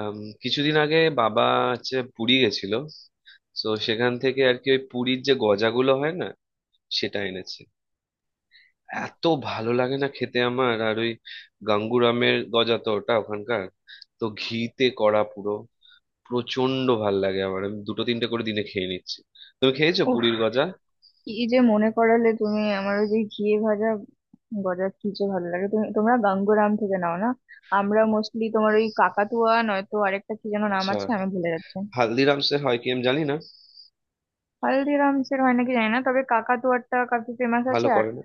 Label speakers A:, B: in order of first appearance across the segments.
A: আম, কিছুদিন আগে বাবা হচ্ছে পুরী গেছিল। তো সেখান থেকে আর কি, ওই পুরীর যে গজাগুলো হয় না, সেটা এনেছে। এত ভালো লাগে না খেতে আমার। আর ওই গাঙ্গুরামের গজা, তো ওটা ওখানকার, তো ঘিতে করা পুরো, প্রচন্ড ভাল লাগে আমার। আমি দুটো তিনটে করে দিনে খেয়ে নিচ্ছি। তুমি খেয়েছো
B: উফ,
A: পুরীর গজা?
B: কি যে মনে করালে তুমি! আমার ওই যে ঘিয়ে ভাজা গজা কি যে ভালো লাগে। তুমি তোমরা গাঙ্গুরাম থেকে নাও না? আমরা মোস্টলি তোমার ওই কাকাতুয়া, নয়তো আরেকটা কি যেন নাম
A: আচ্ছা,
B: আছে, আমি ভুলে যাচ্ছি।
A: হালদিরামসে হয় কি আমি জানি না।
B: হালদিরামস এর হয় নাকি জানি না, তবে কাকাতুয়াটা কাফি ফেমাস
A: ভালো
B: আছে। আর
A: করে না?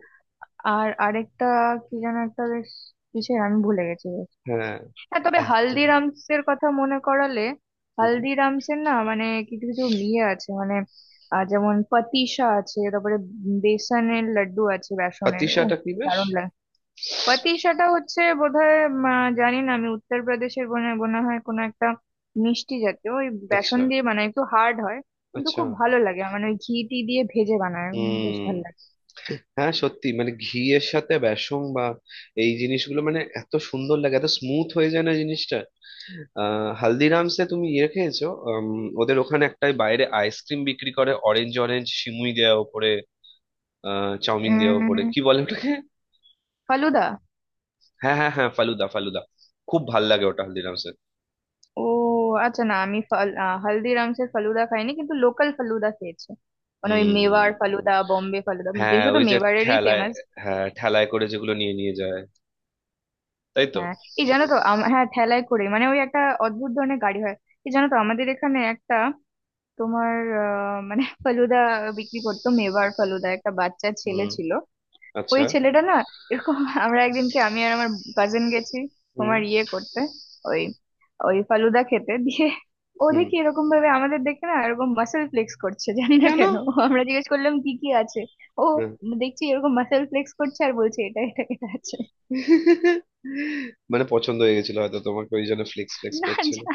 B: আর আরেকটা কি যেন একটা বেশ কিসের, আমি ভুলে গেছি।
A: হ্যাঁ।
B: হ্যাঁ, তবে
A: এত।
B: হালদিরামস এর কথা মনে করালে।
A: হুম।
B: হালদিরামস এর না, মানে কিছু কিছু ইয়ে আছে, মানে যেমন পাতিসা আছে, তারপরে বেসনের লাড্ডু আছে, বেসনের ও
A: পাতিসাটা কি বেশ?
B: দারুণ লাগে। পাতিসাটা হচ্ছে বোধহয় জানি না, আমি উত্তরপ্রদেশের মনে মনে হয় কোনো একটা মিষ্টি জাতীয় ওই বেসন
A: আচ্ছা,
B: দিয়ে বানায়, একটু হার্ড হয়, কিন্তু
A: আচ্ছা।
B: খুব ভালো লাগে। মানে ওই ঘি টি দিয়ে ভেজে বানায়, বেশ
A: হুম।
B: ভালো লাগে।
A: হ্যাঁ, সত্যি মানে ঘি এর সাথে বেসন বা এই জিনিসগুলো মানে এত সুন্দর লাগে, এত স্মুথ হয়ে যায় না জিনিসটা। আহ, হালদিরামসে তুমি ইয়ে খেয়েছো? ওদের ওখানে একটাই বাইরে আইসক্রিম বিক্রি করে, অরেঞ্জ অরেঞ্জ সিমুই দেওয়া ওপরে, আহ, চাউমিন দেওয়া ওপরে,
B: উম
A: কি বলে ওটাকে?
B: ফালুদা।
A: হ্যাঁ হ্যাঁ হ্যাঁ, ফালুদা ফালুদা। খুব ভাল লাগে ওটা হালদিরামসে।
B: ও আচ্ছা, না আমি হালদিরামসের ফালুদা খাইনি, কিন্তু লোকাল ফালুদা খেয়েছি। মানে ওই মেওয়ার
A: হুম।
B: ফালুদা, বম্বে ফালুদা,
A: হ্যাঁ,
B: বিশেষত
A: ওই যে
B: মেওয়ারেরই
A: ঠেলায়।
B: ফেমাস।
A: হ্যাঁ, ঠেলায় করে যেগুলো নিয়ে নিয়ে যায়। তাই তো।
B: হ্যাঁ, এই জানো তো হ্যাঁ, ঠেলায় করে মানে ওই একটা অদ্ভুত ধরনের গাড়ি হয়। এই জানো তো আমাদের এখানে একটা তোমার মানে ফালুদা বিক্রি করতো, মেওয়ার ফালুদা, একটা বাচ্চা ছেলে
A: হুম।
B: ছিল। ওই
A: আচ্ছা।
B: ছেলেটা না এরকম আমরা একদিনকে আমি আর আমার কাজিন গেছি
A: হুম।
B: তোমার ইয়ে করতে, ওই ওই ফালুদা খেতে দিয়ে ও
A: হুম।
B: দেখি এরকম ভাবে আমাদের দেখে না, এরকম মাসেল ফ্লেক্স করছে, জানি না
A: কেন?
B: কেন। আমরা জিজ্ঞেস করলাম কি কি আছে, ও
A: হুম।
B: দেখছি এরকম মাসেল ফ্লেক্স করছে আর বলছে এটা এটা এটা আছে।
A: মানে পছন্দ হয়ে গেছিল হয়তো তোমাকে, ওই জন্য ফ্লেক্স ফ্লেক্স
B: না,
A: করছিল।
B: যা,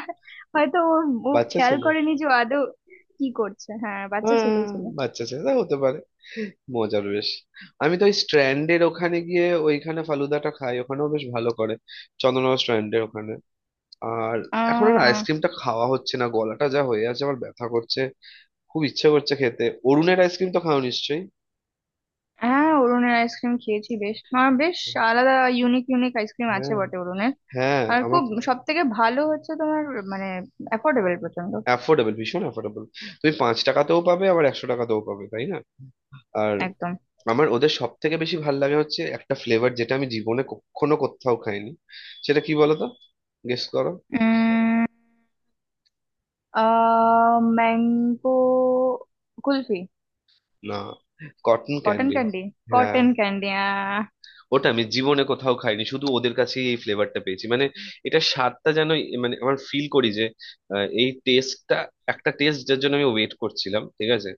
B: হয়তো ও, ও
A: বাচ্চা
B: খেয়াল
A: ছেলে।
B: করেনি যে ও আদৌ কি করছে। হ্যাঁ, বাচ্চা
A: হ্যাঁ,
B: ছেলেই ছিল।
A: বাচ্চা ছেলে তা হতে পারে। মজার বেশ। আমি তো ওই স্ট্র্যান্ডের ওখানে গিয়ে ওইখানে ফালুদাটা খাই, ওখানেও বেশ ভালো করে। চন্দননগর স্ট্র্যান্ডের ওখানে। আর এখন আর
B: আহ,
A: আইসক্রিমটা খাওয়া হচ্ছে না, গলাটা যা হয়ে আছে আমার, ব্যথা করছে। খুব ইচ্ছে করছে খেতে। অরুণের আইসক্রিম তো খাও নিশ্চয়ই?
B: হ্যাঁ অরুণের আইসক্রিম খেয়েছি, বেশ, আমার বেশ আলাদা, ইউনিক ইউনিক আইসক্রিম আছে
A: হ্যাঁ।
B: বটে অরুণের।
A: হ্যাঁ,
B: আর
A: আমার।
B: খুব সব থেকে ভালো হচ্ছে তোমার মানে অ্যাফোর্ডেবল প্রচন্ড।
A: অ্যাফোর্ডেবল, ভীষণ অ্যাফোর্ডেবল। তুমি 5 টাকাতেও পাবে, আবার 100 টাকাতেও পাবে, তাই না? আর
B: একদম।
A: আমার ওদের সব থেকে বেশি ভাল লাগে হচ্ছে একটা ফ্লেভার, যেটা আমি জীবনে কখনো কোথাও খাইনি। সেটা কি বলো তো, গেস করো।
B: উম আহ ম্যাঙ্গো কুলফি।
A: না, কটন
B: কটন
A: ক্যান্ডি।
B: ক্যান্ডি।
A: হ্যাঁ।
B: কটন ক্যান্ডি
A: ওটা আমি জীবনে কোথাও খাইনি, শুধু ওদের কাছেই এই ফ্লেভারটা পেয়েছি। মানে এটা স্বাদটা যেন মানে আমার ফিল করি যে, এই টেস্টটা একটা টেস্ট যার জন্য আমি ওয়েট করছিলাম, ঠিক আছে?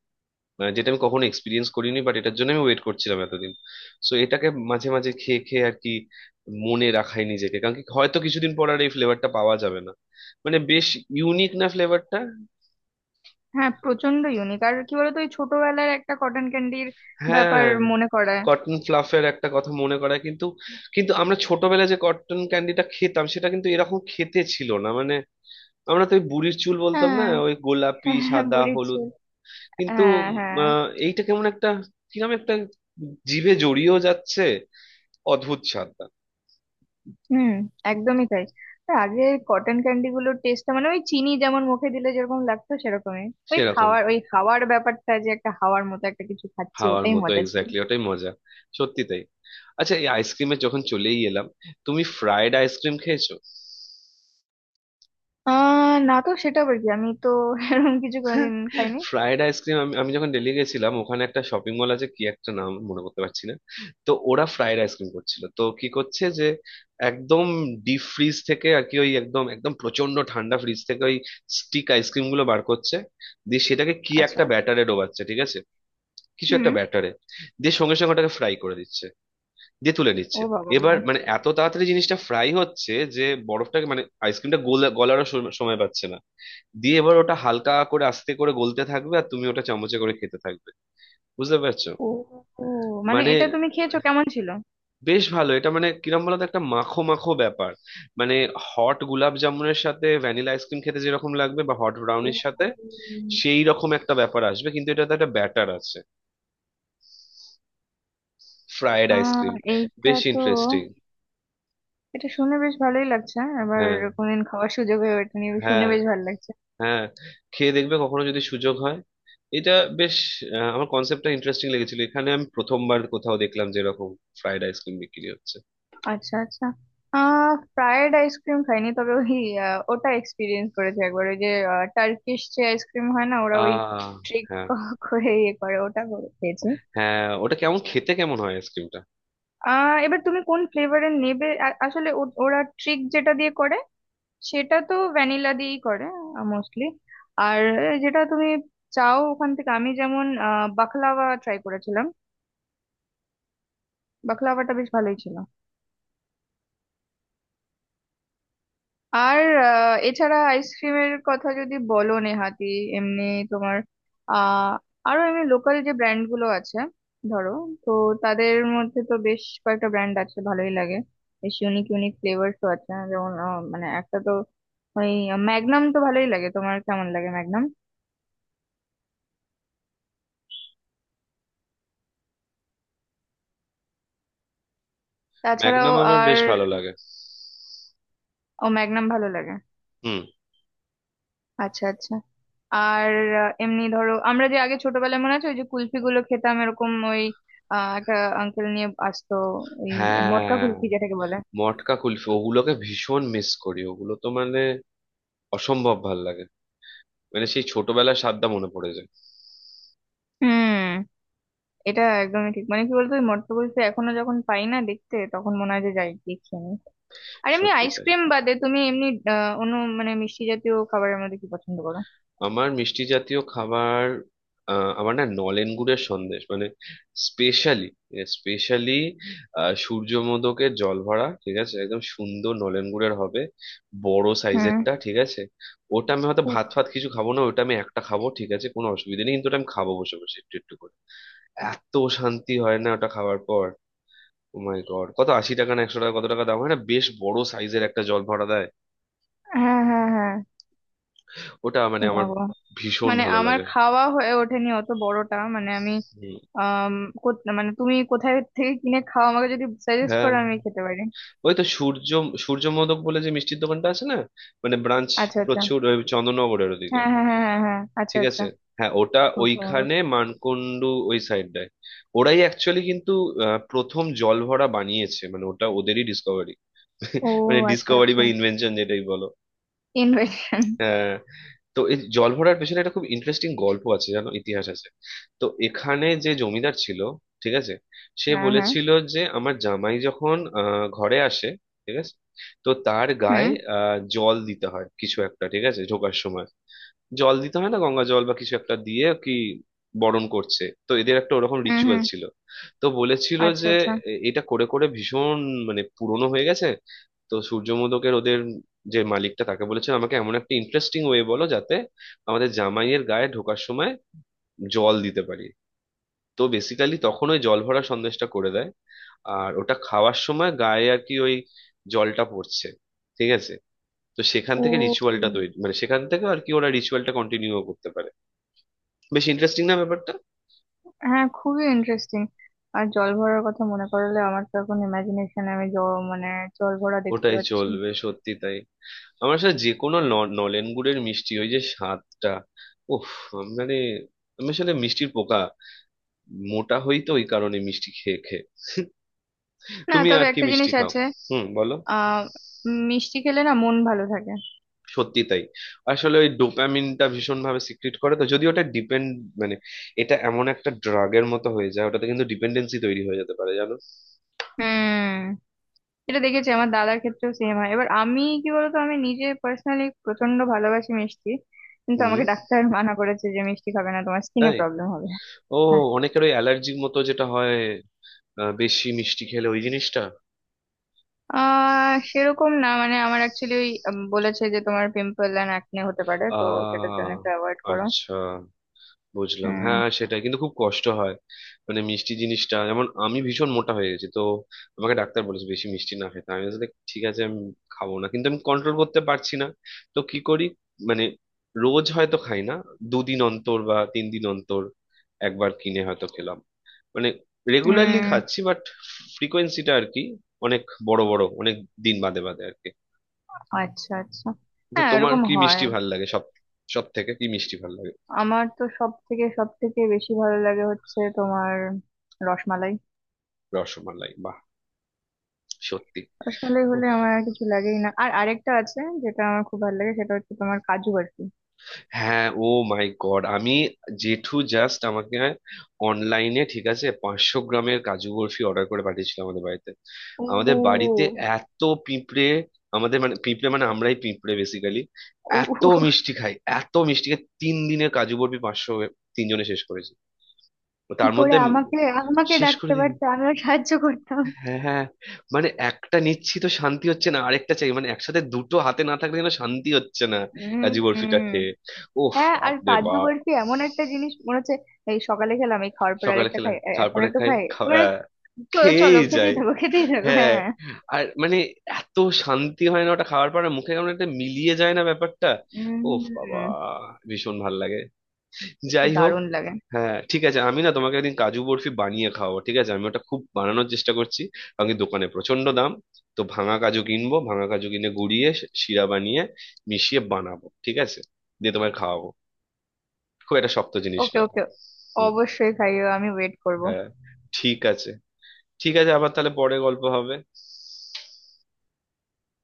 A: মানে যেটা আমি কখনো এক্সপিরিয়েন্স করিনি, বাট এটার জন্য আমি ওয়েট করছিলাম এতদিন। সো এটাকে মাঝে মাঝে খেয়ে খেয়ে আর কি, মনে রাখাই নিজেকে। কারণ কি, হয়তো কিছুদিন পর আর এই ফ্লেভারটা পাওয়া যাবে না। মানে বেশ ইউনিক না ফ্লেভারটা?
B: হ্যাঁ, প্রচন্ড ইউনিক। আর কি বলতো, ওই ছোটবেলার একটা কটন ক্যান্ডির
A: হ্যাঁ,
B: ব্যাপার মনে করায়।
A: কটন ফ্লাফের একটা কথা মনে করায়, কিন্তু কিন্তু আমরা ছোটবেলায় যে কটন ক্যান্ডিটা খেতাম, সেটা কিন্তু এরকম খেতে ছিল না। মানে আমরা তো ওই বুড়ির চুল বলতাম না,
B: হ্যাঁ,
A: ওই গোলাপি
B: হ্যাঁ
A: সাদা
B: বুড়ির
A: হলুদ।
B: চুল।
A: কিন্তু
B: হ্যাঁ, হ্যাঁ।
A: এইটা কেমন একটা, কিরকম একটা জিভে জড়িয়েও যাচ্ছে, অদ্ভুত স্বাদ।
B: হুম, একদমই তাই। তা আগে কটন ক্যান্ডি গুলোর টেস্টটা মানে ওই চিনি যেমন মুখে দিলে যেরকম লাগতো সেরকমই। ওই
A: সেরকম।
B: খাওয়ার ওই হাওয়ার ব্যাপারটা, যে একটা হাওয়ার মতো একটা কিছু খাচ্ছি,
A: হাওয়ার
B: ওটাই
A: মতো,
B: মজা ছিল।
A: এক্স্যাক্টলি ওটাই মজা। সত্যি তাই। আচ্ছা, এই আইসক্রিমে যখন চলেই এলাম, তুমি ফ্রাইড আইসক্রিম খেয়েছো?
B: আহ, না তো, সেটা আবার কি? আমি তো এরকম কিছু কোনোদিন খাইনি।
A: Fried ice cream? আমি আমি যখন দিল্লি গেছিলাম, ওখানে একটা শপিং মল আছে, কি একটা নাম মনে করতে পারছি না। তো ওরা ফ্রাইড আইসক্রিম করছিল। তো কি করছে যে, একদম ডিপ ফ্রিজ থেকে আর কি, ওই একদম একদম প্রচন্ড ঠান্ডা ফ্রিজ থেকে ওই স্টিক আইসক্রিম গুলো বার করছে। দিয়ে সেটাকে কি
B: আচ্ছা।
A: একটা ব্যাটারে ডোবাচ্ছে, ঠিক আছে? কিছু একটা
B: হুম।
A: ব্যাটারে, দিয়ে সঙ্গে সঙ্গে ওটাকে ফ্রাই করে দিচ্ছে, দিয়ে তুলে নিচ্ছে।
B: ও বাবা, বা।
A: এবার মানে এত তাড়াতাড়ি জিনিসটা ফ্রাই হচ্ছে যে বরফটাকে, মানে আইসক্রিমটা গলারও সময় পাচ্ছে না। দিয়ে এবার ওটা হালকা করে আস্তে করে গলতে থাকবে, আর তুমি ওটা চামচে করে খেতে থাকবে। বুঝতে পারছো?
B: ও, ও, মানে
A: মানে
B: এটা তুমি খেয়েছো? কেমন ছিল?
A: বেশ ভালো এটা, মানে কিরম বলতো, একটা মাখো মাখো ব্যাপার। মানে হট গুলাব জামুনের সাথে ভ্যানিলা আইসক্রিম খেতে যেরকম লাগবে, বা হট
B: ও
A: ব্রাউনির সাথে সেই রকম একটা ব্যাপার আসবে, কিন্তু এটাতে একটা ব্যাটার আছে। ফ্রায়েড
B: আহ,
A: আইসক্রিম,
B: এইটা
A: বেশ
B: তো
A: ইন্টারেস্টিং।
B: এটা শুনে বেশ ভালোই লাগছে হ্যাঁ। আবার
A: হ্যাঁ
B: কোনদিন খাওয়ার সুযোগ হয়ে ওঠেনি শুনে
A: হ্যাঁ
B: বেশ ভালো লাগছে।
A: হ্যাঁ, খেয়ে দেখবে কখনো যদি সুযোগ হয়। এটা বেশ, আমার কনসেপ্টটা ইন্টারেস্টিং লেগেছিল। এখানে আমি প্রথমবার কোথাও দেখলাম যে এরকম ফ্রাইড আইসক্রিম বিক্রি হচ্ছে।
B: আচ্ছা আচ্ছা। আহ, ফ্রায়েড আইসক্রিম খাইনি, তবে ওই ওটা এক্সপিরিয়েন্স করেছি একবার। ওই যে টার্কিশ যে আইসক্রিম হয় না, ওরা ওই
A: আহ।
B: ট্রিক
A: হ্যাঁ।
B: করে ইয়ে করে, ওটা করে খেয়েছি।
A: হ্যাঁ, ওটা কেমন খেতে, কেমন হয় আইসক্রিমটা?
B: আহ, এবার তুমি কোন ফ্লেভারের নেবে, আসলে ওরা ট্রিক যেটা দিয়ে করে সেটা তো ভ্যানিলা দিয়েই করে মোস্টলি। আর যেটা তুমি চাও ওখান থেকে। আমি যেমন আহ, বাকলাওয়া ট্রাই করেছিলাম, বাকলাওয়াটা বেশ ভালোই ছিল। আর এছাড়া আইসক্রিমের কথা যদি বলো, নেহাতি এমনি তোমার আহ আরো এমনি লোকাল যে ব্র্যান্ড গুলো আছে, ধরো, তো তাদের মধ্যে তো বেশ কয়েকটা ব্র্যান্ড আছে ভালোই লাগে। বেশ ইউনিক ইউনিক ফ্লেভারসও আছে। যেমন মানে একটা তো ওই ম্যাগনাম তো ভালোই লাগে। তোমার কেমন লাগে ম্যাগনাম? তাছাড়াও
A: ম্যাগনাম আমার
B: আর
A: বেশ ভালো লাগে।
B: ও ম্যাগনাম ভালো লাগে।
A: হুম।
B: আচ্ছা আচ্ছা। আর এমনি ধরো আমরা যে আগে ছোটবেলায় মনে আছে ওই যে কুলফি গুলো খেতাম, এরকম ওই একটা আঙ্কেল নিয়ে আসতো ওই মটকা
A: হ্যাঁ,
B: কুলফি যেটাকে বলে।
A: মটকা কুলফি ওগুলোকে ভীষণ মিস করি, ওগুলো তো মানে অসম্ভব ভাল লাগে। মানে সেই ছোটবেলার স্বাদটা মনে পড়ে যায়।
B: হুম, এটা একদমই ঠিক। মানে কি বলতো, ওই মটকা কুলফি এখনো যখন পাই না দেখতে তখন মনে হয় যে যাই গিয়ে খেয়ে নিই। আর এমনি
A: সত্যি তাই।
B: আইসক্রিম বাদে তুমি এমনি আহ, অন্য মানে মিষ্টি জাতীয় খাবারের মধ্যে কি পছন্দ করো?
A: আমার মিষ্টি জাতীয় খাবার, আমার না নলেন গুড়ের সন্দেশ, মানে স্পেশালি, স্পেশালি সূর্যমোদকের জল ভরা, ঠিক আছে? একদম সুন্দর নলেন গুড়ের হবে, বড়
B: হুম।
A: সাইজেরটা, ঠিক আছে? ওটা আমি হয়তো
B: উফ,
A: ভাত ফাত কিছু খাবো না, ওটা আমি একটা খাবো, ঠিক আছে, কোনো অসুবিধা নেই, কিন্তু ওটা আমি খাবো বসে বসে একটু একটু করে। এত শান্তি হয় না ওটা খাওয়ার পর। ও মাই গড, কত, 80 টাকা না 100 টাকা, কত টাকা দাম হয় না, বেশ বড় সাইজের একটা জল ভরা দেয়।
B: হ্যাঁ হ্যাঁ হ্যাঁ।
A: ওটা মানে
B: ও
A: আমার
B: বাবা,
A: ভীষণ
B: মানে
A: ভালো
B: আমার
A: লাগে।
B: খাওয়া হয়ে ওঠেনি অত বড়টা, মানে আমি
A: হুম।
B: আম, মানে তুমি কোথায় থেকে কিনে খাও? আমাকে যদি সাজেস্ট
A: হ্যাঁ,
B: করো আমি খেতে পারি।
A: ওই তো সূর্য, সূর্য মোদক বলে যে মিষ্টির দোকানটা আছে না, মানে ব্রাঞ্চ
B: আচ্ছা আচ্ছা।
A: প্রচুর ওই চন্দননগরের ওদিকে।
B: হ্যাঁ হ্যাঁ হ্যাঁ হ্যাঁ হ্যাঁ, আচ্ছা
A: ঠিক
B: আচ্ছা।
A: আছে। হ্যাঁ, ওটা
B: সূর্য মোরগ।
A: ওইখানে মানকুণ্ডু ওই সাইডটায়। ওরাই অ্যাকচুয়ালি কিন্তু, প্রথম জলভরা বানিয়েছে, মানে ওটা ওদেরই ডিসকভারি।
B: ও
A: মানে
B: আচ্ছা
A: ডিসকভারি বা
B: আচ্ছা।
A: ইনভেনশন যেটাই বলো।
B: ইনভেশন।
A: হ্যাঁ, তো এই জল ভরার পেছনে একটা খুব ইন্টারেস্টিং গল্প আছে, জানো, ইতিহাস আছে। তো এখানে যে জমিদার ছিল, ঠিক আছে, সে
B: হ্যাঁ হ্যাঁ।
A: বলেছিল যে আমার জামাই যখন ঘরে আসে, ঠিক আছে, তো তার গায়ে
B: হুম
A: জল দিতে হয় কিছু একটা, ঠিক আছে, ঢোকার সময়। জল দিতে হয় না গঙ্গা জল বা কিছু একটা দিয়ে, কি বরণ করছে, তো এদের একটা ওরকম
B: হুম।
A: রিচুয়াল
B: হুম।
A: ছিল। তো বলেছিল
B: আচ্ছা
A: যে,
B: আচ্ছা।
A: এটা করে করে ভীষণ, মানে পুরনো হয়ে গেছে। তো সূর্যমোদকের ওদের যে মালিকটা, তাকে বলেছিল আমাকে এমন একটা ইন্টারেস্টিং ওয়ে বলো যাতে আমাদের জামাইয়ের গায়ে ঢোকার সময় জল দিতে পারি। তো বেসিক্যালি তখন ওই জল ভরা সন্দেশটা করে দেয়। আর ওটা খাওয়ার সময় গায়ে আর কি ওই জলটা পড়ছে, ঠিক আছে? তো সেখান
B: ও,
A: থেকে রিচুয়ালটা
B: উম,
A: তৈরি, মানে সেখান থেকে আর কি ওরা রিচুয়ালটা কন্টিনিউ করতে পারে। বেশ ইন্টারেস্টিং না ব্যাপারটা?
B: হ্যাঁ খুবই ইন্টারেস্টিং। আর জল ভরার কথা মনে করালে আমার তো এখন ইমাজিনেশন, আমি জল মানে জল ভরা দেখতে
A: ওটাই
B: পাচ্ছি।
A: চলবে, সত্যি তাই। আমার সাথে যে কোনো নলেন গুড়ের মিষ্টি, ওই যে স্বাদটা, উফ, মানে আমি আসলে মিষ্টির পোকা। মোটা হই তো ওই কারণে, মিষ্টি খেয়ে খেয়ে।
B: না,
A: তুমি আর
B: তবে
A: কি
B: একটা
A: মিষ্টি
B: জিনিস
A: খাও?
B: আছে।
A: হুম, বলো।
B: আহ, মিষ্টি খেলে না মন ভালো থাকে।
A: সত্যি তাই। আসলে ওই ডোপামিনটা ভীষণ ভাবে সিক্রিট করে, তো যদি ওটা ডিপেন্ড, মানে এটা এমন একটা ড্রাগের মতো হয়ে যায় ওটাতে, কিন্তু ডিপেন্ডেন্সি তৈরি হয়ে যেতে পারে, জানো।
B: হুম, এটা দেখেছি আমার দাদার ক্ষেত্রেও সেম হয়। এবার আমি কি বলতো, আমি নিজে পার্সোনালি প্রচন্ড ভালোবাসি মিষ্টি, কিন্তু
A: হুম।
B: আমাকে ডাক্তার মানা করেছে যে মিষ্টি খাবে না, তোমার স্কিনে
A: তাই?
B: প্রবলেম হবে।
A: ও।
B: হ্যাঁ
A: অনেকের ওই অ্যালার্জির মতো যেটা হয়, বেশি মিষ্টি খেলে ওই জিনিসটা।
B: আহ, সেরকম না, মানে আমার অ্যাকচুয়ালি ওই বলেছে যে তোমার পিম্পল অ্যান্ড অ্যাকনে হতে পারে, তো সেটার জন্য
A: আহ,
B: একটু অ্যাভয়েড করো।
A: আচ্ছা, বুঝলাম।
B: উম
A: হ্যাঁ, সেটাই, কিন্তু খুব কষ্ট হয়। মানে মিষ্টি জিনিসটা, যেমন আমি ভীষণ মোটা হয়ে গেছি তো, আমাকে ডাক্তার বলেছে বেশি মিষ্টি না খেতে। আমি বলছি ঠিক আছে, আমি খাবো না, কিন্তু আমি কন্ট্রোল করতে পারছি না। তো কি করি, মানে, রোজ হয়তো খাই না, 2 দিন অন্তর বা 3 দিন অন্তর একবার কিনে হয়তো খেলাম। মানে রেগুলারলি
B: উম
A: খাচ্ছি বাট, ফ্রিকোয়েন্সিটা আর কি অনেক, বড় বড় অনেক দিন বাদে বাদে আর কি।
B: আচ্ছা আচ্ছা।
A: তো
B: হ্যাঁ,
A: তোমার
B: এরকম
A: কি
B: হয়।
A: মিষ্টি ভাল লাগে, সব, সব থেকে কি মিষ্টি ভাল লাগে?
B: আমার তো সব থেকে বেশি ভালো লাগে হচ্ছে তোমার রসমালাই।
A: রসমালাই, বাহ, সত্যি।
B: রসমালাই
A: ওহ,
B: হলে আমার আর কিছু লাগেই না। আর আরেকটা আছে যেটা আমার খুব ভালো লাগে সেটা হচ্ছে তোমার কাজু বরফি।
A: হ্যাঁ, ও মাই গড, আমি, জেঠু জাস্ট আমাকে অনলাইনে, ঠিক আছে, 500 গ্রামের কাজু বরফি অর্ডার করে পাঠিয়েছিল আমাদের বাড়িতে। আমাদের
B: ও,
A: বাড়িতে এত পিঁপড়ে, আমাদের মানে পিঁপড়ে মানে আমরাই পিঁপড়ে বেসিক্যালি, এত
B: ও
A: মিষ্টি খাই, এত মিষ্টি খাই। 3 দিনে কাজু বরফি 500, 3 জনে শেষ করেছি। তো
B: কি
A: তার
B: করে!
A: মধ্যে
B: আমাকে আমাকে
A: শেষ করে
B: ডাকতে
A: দিই।
B: পারতে, আমিও সাহায্য করতাম।
A: হ্যাঁ, হ্যাঁ, মানে একটা নিচ্ছি তো শান্তি হচ্ছে না, আরেকটা চাই, মানে একসাথে দুটো হাতে না থাকলে যেন শান্তি হচ্ছে না।
B: উম
A: কাজু বরফিটা
B: হুম।
A: খেয়ে, ওফ,
B: হ্যাঁ আর
A: আপনি
B: কাজু
A: বাপ।
B: বরফি এমন একটা জিনিস মনে হচ্ছে এই সকালে খেলাম, এই খাওয়ার পর
A: সকালে
B: আরেকটা
A: খেলাম
B: খাই, এখন
A: তারপরে
B: একটু
A: খাই
B: খাই,
A: খাওয়া-
B: মানে
A: আহ,
B: চলো চলো
A: খেয়েই
B: খেতেই
A: যায়,
B: থাকো খেতেই থাকো
A: হ্যাঁ।
B: হ্যাঁ।
A: আর মানে এত শান্তি হয় না ওটা খাওয়ার পর, আর মুখে কেমন একটা মিলিয়ে যায় না ব্যাপারটা। ওফ বাবা,
B: উম,
A: ভীষণ ভাল লাগে। যাই হোক,
B: দারুণ লাগে।
A: হ্যাঁ, ঠিক আছে, আমি না তোমাকে একদিন কাজু বরফি বানিয়ে খাওয়াবো, ঠিক আছে? আমি ওটা খুব বানানোর চেষ্টা করছি, কারণ কি দোকানে প্রচন্ড দাম। তো ভাঙা কাজু কিনবো, ভাঙা কাজু কিনে গুঁড়িয়ে শিরা বানিয়ে মিশিয়ে বানাবো, ঠিক আছে? দিয়ে তোমায় খাওয়াবো, খুব একটা শক্ত জিনিস
B: ওকে
A: নয়।
B: ওকে,
A: হুম।
B: অবশ্যই খাইও, আমি ওয়েট করব।
A: হ্যাঁ, ঠিক আছে। ঠিক আছে, আবার তাহলে পরে গল্প হবে।